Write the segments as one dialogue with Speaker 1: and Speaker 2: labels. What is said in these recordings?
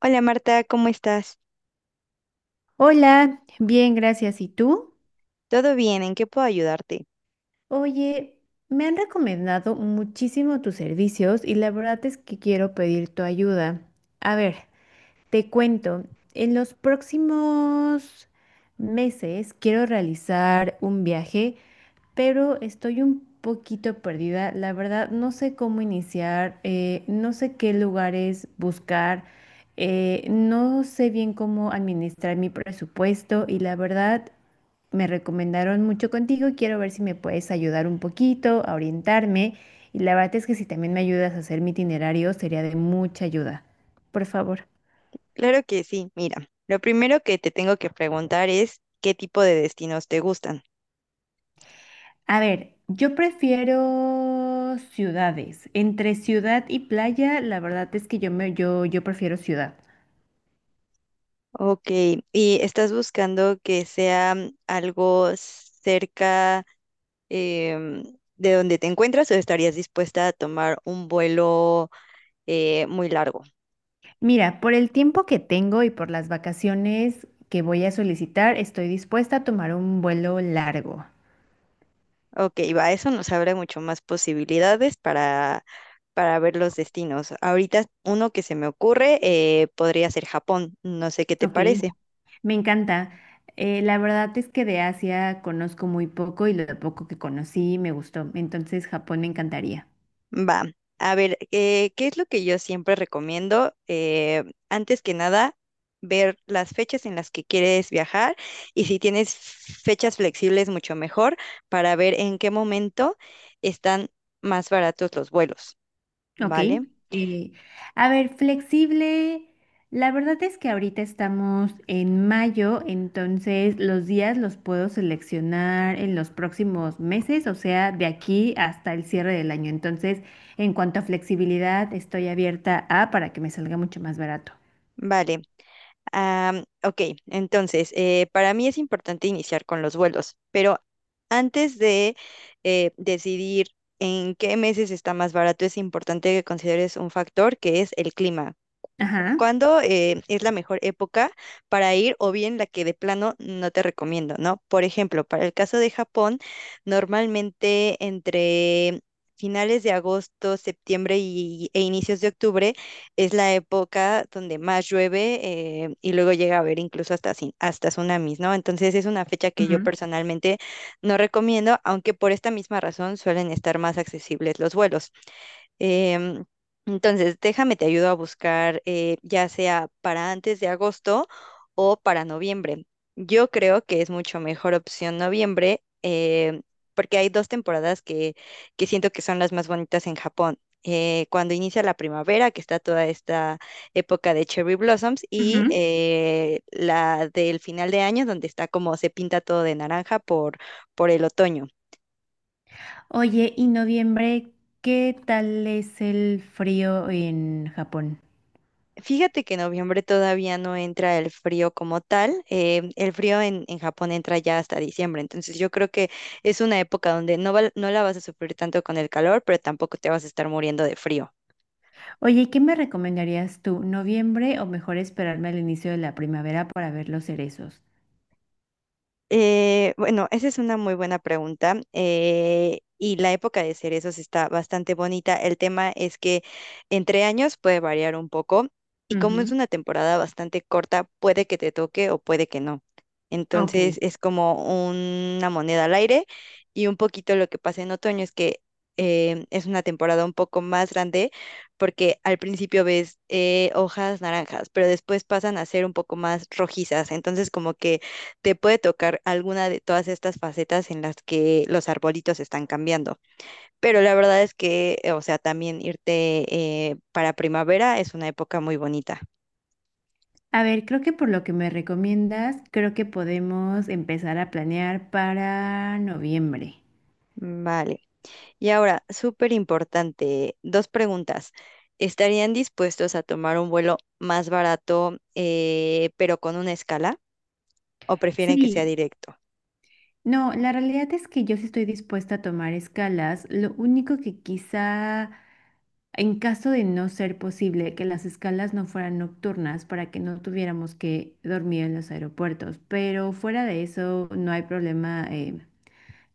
Speaker 1: Hola Marta, ¿cómo estás?
Speaker 2: Hola, bien, gracias. ¿Y tú?
Speaker 1: ¿Todo bien? ¿En qué puedo ayudarte?
Speaker 2: Oye, me han recomendado muchísimo tus servicios y la verdad es que quiero pedir tu ayuda. A ver, te cuento, en los próximos meses quiero realizar un viaje, pero estoy un poquito perdida. La verdad, no sé cómo iniciar, no sé qué lugares buscar, no sé bien cómo administrar mi presupuesto y la verdad, me recomendaron mucho contigo y quiero ver si me puedes ayudar un poquito, a orientarme, y la verdad es que si también me ayudas a hacer mi itinerario, sería de mucha ayuda. Por favor.
Speaker 1: Claro que sí, mira, lo primero que te tengo que preguntar es qué tipo de destinos te gustan.
Speaker 2: A ver, yo prefiero ciudades. Entre ciudad y playa, la verdad es que yo prefiero ciudad.
Speaker 1: Ok, ¿y estás buscando que sea algo cerca em, de donde te encuentras o estarías dispuesta a tomar un vuelo muy largo?
Speaker 2: Mira, por el tiempo que tengo y por las vacaciones que voy a solicitar, estoy dispuesta a tomar un vuelo largo.
Speaker 1: Ok, va, eso nos abre mucho más posibilidades para ver los destinos. Ahorita uno que se me ocurre podría ser Japón, no sé qué te
Speaker 2: Ok,
Speaker 1: parece.
Speaker 2: me encanta. La verdad es que de Asia conozco muy poco y lo poco que conocí me gustó. Entonces, Japón me encantaría.
Speaker 1: Va, a ver, ¿qué es lo que yo siempre recomiendo? Antes que nada, ver las fechas en las que quieres viajar y si tienes fechas flexibles, mucho mejor para ver en qué momento están más baratos los vuelos,
Speaker 2: Ok.
Speaker 1: ¿vale?
Speaker 2: eh, a ver, flexible. La verdad es que ahorita estamos en mayo, entonces los días los puedo seleccionar en los próximos meses, o sea, de aquí hasta el cierre del año. Entonces, en cuanto a flexibilidad, estoy abierta a para que me salga mucho más barato.
Speaker 1: Vale. Ok, entonces, para mí es importante iniciar con los vuelos, pero antes de decidir en qué meses está más barato, es importante que consideres un factor que es el clima.
Speaker 2: Ajá.
Speaker 1: ¿Cuándo es la mejor época para ir o bien la que de plano no te recomiendo, ¿no? Por ejemplo, para el caso de Japón, normalmente entre finales de agosto, septiembre e inicios de octubre es la época donde más llueve y luego llega a haber incluso hasta tsunamis, ¿no? Entonces es una fecha que yo
Speaker 2: Ujú,
Speaker 1: personalmente no recomiendo, aunque por esta misma razón suelen estar más accesibles los vuelos. Em, entonces, déjame, te ayudo a buscar ya sea para antes de agosto o para noviembre. Yo creo que es mucho mejor opción noviembre porque hay dos temporadas que siento que son las más bonitas en Japón. Cuando inicia la primavera, que está toda esta época de cherry blossoms, y
Speaker 2: ujú.
Speaker 1: la del final de año, donde está como se pinta todo de naranja por el otoño.
Speaker 2: Oye, ¿y noviembre qué tal es el frío en Japón?
Speaker 1: Fíjate que en noviembre todavía no entra el frío como tal. El frío en Japón entra ya hasta diciembre. Entonces yo creo que es una época donde no la vas a sufrir tanto con el calor, pero tampoco te vas a estar muriendo de frío.
Speaker 2: Oye, ¿qué me recomendarías tú? ¿Noviembre o mejor esperarme al inicio de la primavera para ver los cerezos?
Speaker 1: Bueno, esa es una muy buena pregunta. Y la época de cerezos está bastante bonita. El tema es que entre años puede variar un poco. Y como es
Speaker 2: Ujú.
Speaker 1: una temporada bastante corta, puede que te toque o puede que no.
Speaker 2: Ok.
Speaker 1: Entonces es como una moneda al aire. Y un poquito lo que pasa en otoño es que es una temporada un poco más grande porque al principio ves hojas naranjas, pero después pasan a ser un poco más rojizas. Entonces como que te puede tocar alguna de todas estas facetas en las que los arbolitos están cambiando. Pero la verdad es que, o sea, también irte para primavera es una época muy bonita.
Speaker 2: A ver, creo que por lo que me recomiendas, creo que podemos empezar a planear para noviembre.
Speaker 1: Vale. Y ahora, súper importante, dos preguntas. ¿Estarían dispuestos a tomar un vuelo más barato, pero con una escala? ¿O prefieren que sea
Speaker 2: Sí,
Speaker 1: directo?
Speaker 2: no, la realidad es que yo sí estoy dispuesta a tomar escalas. Lo único que quizá, en caso de no ser posible, que las escalas no fueran nocturnas para que no tuviéramos que dormir en los aeropuertos. Pero fuera de eso, no hay problema,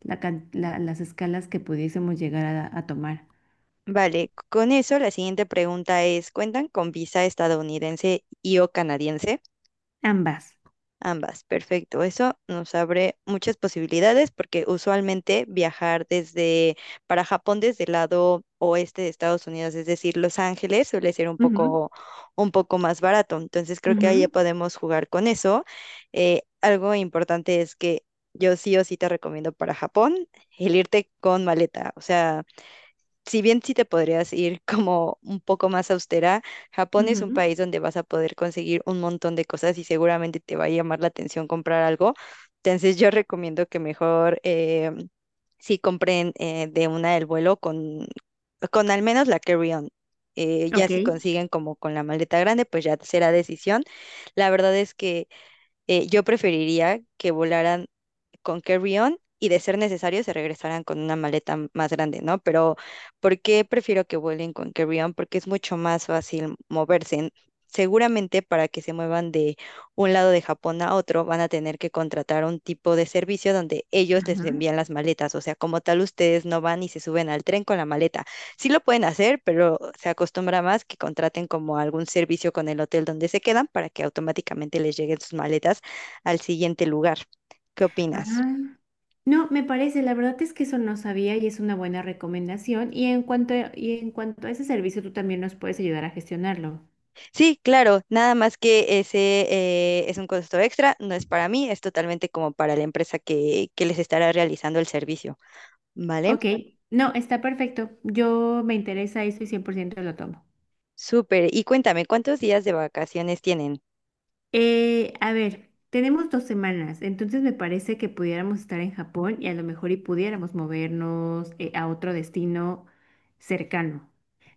Speaker 2: las escalas que pudiésemos llegar a tomar,
Speaker 1: Vale, con eso la siguiente pregunta es, ¿cuentan con visa estadounidense y o canadiense?
Speaker 2: ambas.
Speaker 1: Ambas, perfecto. Eso nos abre muchas posibilidades porque usualmente viajar desde para Japón desde el lado oeste de Estados Unidos, es decir, Los Ángeles, suele ser
Speaker 2: Ujú,
Speaker 1: un poco más barato. Entonces creo que ahí ya
Speaker 2: ujú,
Speaker 1: podemos jugar con eso. Algo importante es que yo sí o sí te recomiendo para Japón el irte con maleta. O sea, si bien sí te podrías ir como un poco más austera, Japón es un
Speaker 2: ujú.
Speaker 1: país donde vas a poder conseguir un montón de cosas y seguramente te va a llamar la atención comprar algo. Entonces yo recomiendo que mejor sí compren de una del vuelo con al menos la carry-on. Ya
Speaker 2: Ok.
Speaker 1: si consiguen como con la maleta grande, pues ya será decisión. La verdad es que yo preferiría que volaran con carry-on y de ser necesario se regresarán con una más grande, ¿no? Pero ¿por qué prefiero que vuelen con carry-on? Porque es mucho más fácil moverse. Seguramente para que se muevan de un lado de Japón a otro van a tener que contratar un tipo de servicio donde ellos les
Speaker 2: Ajá.
Speaker 1: envían las maletas. O sea, como tal, ustedes no van y se suben al tren con la maleta. Sí lo pueden hacer, pero se acostumbra más que contraten como algún servicio con el hotel donde se quedan para que automáticamente les lleguen sus maletas al siguiente lugar. ¿Qué opinas?
Speaker 2: Ah, no, me parece, la verdad es que eso no sabía y es una buena recomendación. Y en cuanto a ese servicio, tú también nos puedes ayudar a gestionarlo.
Speaker 1: Sí, claro, nada más que ese es un costo extra, no es para mí, es totalmente como para la empresa que les estará realizando el servicio, ¿vale?
Speaker 2: Ok, no, está perfecto. Yo me interesa eso y 100% lo tomo.
Speaker 1: Súper, y cuéntame, ¿cuántos días de vacaciones tienen?
Speaker 2: A ver, tenemos dos semanas, entonces me parece que pudiéramos estar en Japón y a lo mejor y pudiéramos movernos a otro destino cercano.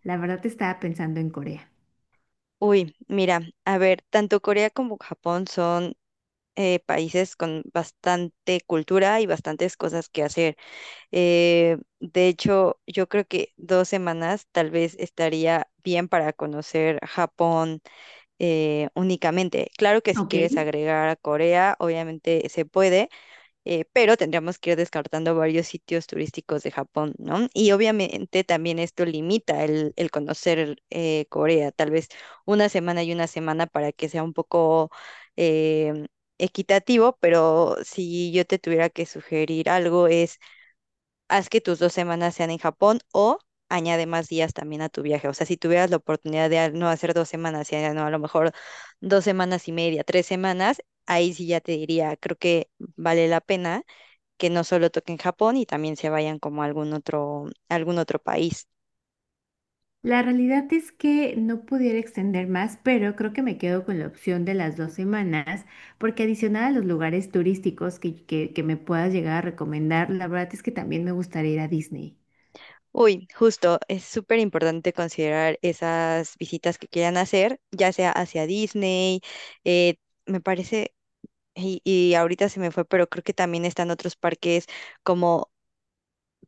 Speaker 2: La verdad estaba pensando en Corea.
Speaker 1: Uy, mira, a ver, tanto Corea como Japón son países con bastante cultura y bastantes cosas que hacer. De hecho, yo creo que dos semanas tal vez estaría bien para conocer Japón únicamente. Claro que si
Speaker 2: Ok.
Speaker 1: quieres agregar a Corea, obviamente se puede, pero tendríamos que ir descartando varios sitios turísticos de Japón, ¿no? Y obviamente también esto limita el conocer Corea, tal vez una semana y una semana para que sea un poco... em, equitativo, pero si yo te tuviera que sugerir algo es haz que tus dos semanas sean en Japón o añade más días también a tu viaje. O sea, si tuvieras la oportunidad de no hacer dos semanas, sino a lo mejor dos semanas y media, tres semanas, ahí sí ya te diría, creo que vale la pena que no solo toquen Japón y también se vayan como a algún otro país.
Speaker 2: La realidad es que no pudiera extender más, pero creo que me quedo con la opción de las dos semanas, porque adicional a los lugares turísticos que me puedas llegar a recomendar, la verdad es que también me gustaría ir a Disney.
Speaker 1: Uy, justo, es súper importante considerar esas visitas que quieran hacer, ya sea hacia Disney, eh, me parece, y ahorita se me fue, pero creo que también están otros parques como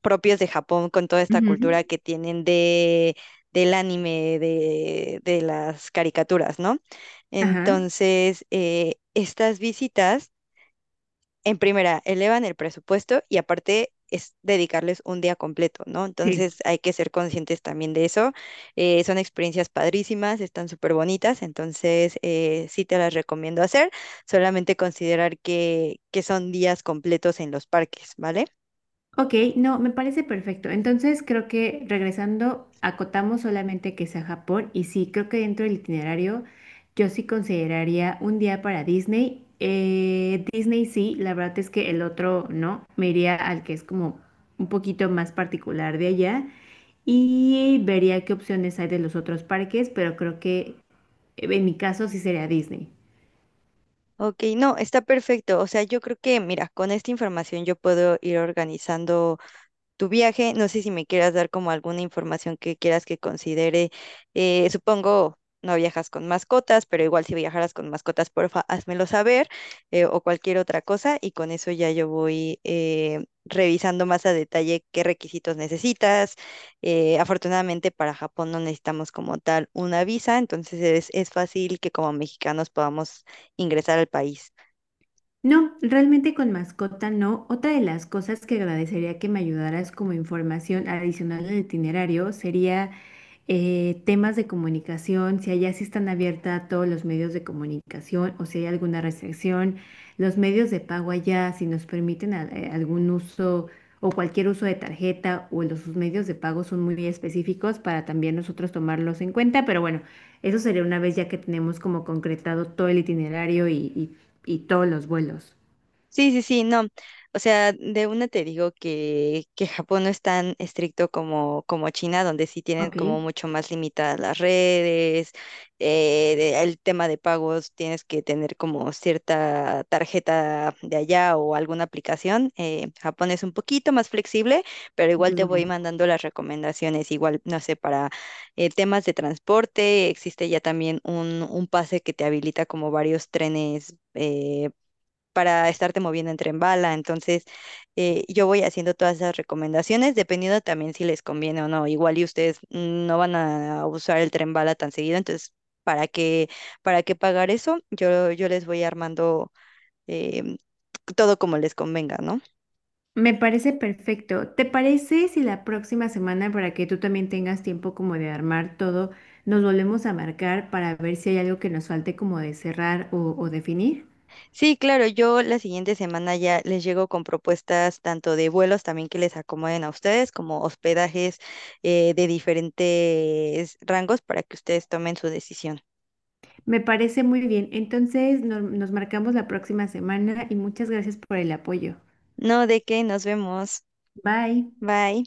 Speaker 1: propios de Japón con toda esta
Speaker 2: Ujú.
Speaker 1: cultura que tienen del anime, de las caricaturas, ¿no?
Speaker 2: Ajá,
Speaker 1: Entonces, estas visitas, en primera, elevan el presupuesto y aparte es dedicarles un día completo, ¿no?
Speaker 2: sí.
Speaker 1: Entonces hay que ser conscientes también de eso. Son experiencias padrísimas, están súper bonitas, entonces sí te las recomiendo hacer, solamente considerar que son días completos en los parques, ¿vale?
Speaker 2: Ok, no, me parece perfecto. Entonces creo que regresando, acotamos solamente que sea Japón y sí, creo que dentro del itinerario yo sí consideraría un día para Disney. Disney sí, la verdad es que el otro no, me iría al que es como un poquito más particular de allá y vería qué opciones hay de los otros parques, pero creo que en mi caso sí sería Disney.
Speaker 1: Ok, no, está perfecto. O sea, yo creo que, mira, con esta información yo puedo ir organizando tu viaje. No sé si me quieras dar como alguna información que quieras que considere. Supongo no viajas con mascotas, pero igual si viajaras con mascotas, porfa, házmelo saber o cualquier otra cosa y con eso ya yo voy revisando más a detalle qué requisitos necesitas. Afortunadamente para Japón no necesitamos como tal una visa, entonces es fácil que como mexicanos podamos ingresar al país.
Speaker 2: No, realmente con mascota no. Otra de las cosas que agradecería que me ayudaras como información adicional al itinerario sería temas de comunicación, si allá sí están abiertas a todos los medios de comunicación o si hay alguna restricción, los medios de pago allá, si nos permiten algún uso o cualquier uso de tarjeta o los sus medios de pago son muy específicos para también nosotros tomarlos en cuenta, pero bueno, eso sería una vez ya que tenemos como concretado todo el itinerario y todos los vuelos.
Speaker 1: Sí, sí, sí, no. O sea, de una te digo que Japón no es tan estricto como, como China, donde sí tienen
Speaker 2: Ok,
Speaker 1: como mucho más limitadas las redes, el tema de pagos, tienes que tener como cierta tarjeta de allá o alguna aplicación. Japón es un poquito más flexible, pero igual
Speaker 2: entonces
Speaker 1: te voy
Speaker 2: bueno.
Speaker 1: mandando las recomendaciones, igual, no sé, para temas de transporte, existe ya también un pase que te habilita como varios trenes. Para estarte moviendo en tren bala. Entonces, yo voy haciendo todas esas recomendaciones, dependiendo también si les conviene o no. Igual y ustedes no van a usar el tren bala tan seguido, entonces, ¿para qué, ¿para qué pagar eso? Yo les voy armando em, todo como les convenga, ¿no?
Speaker 2: Me parece perfecto. ¿Te parece si la próxima semana, para que tú también tengas tiempo como de armar todo, nos volvemos a marcar para ver si hay algo que nos falte como de cerrar o definir?
Speaker 1: Sí, claro, yo la siguiente semana ya les llego con propuestas tanto de vuelos también que les acomoden a ustedes, como hospedajes de diferentes rangos para que ustedes tomen su decisión.
Speaker 2: Me parece muy bien. Entonces nos marcamos la próxima semana y muchas gracias por el apoyo.
Speaker 1: No, de qué, nos vemos.
Speaker 2: Bye.
Speaker 1: Bye.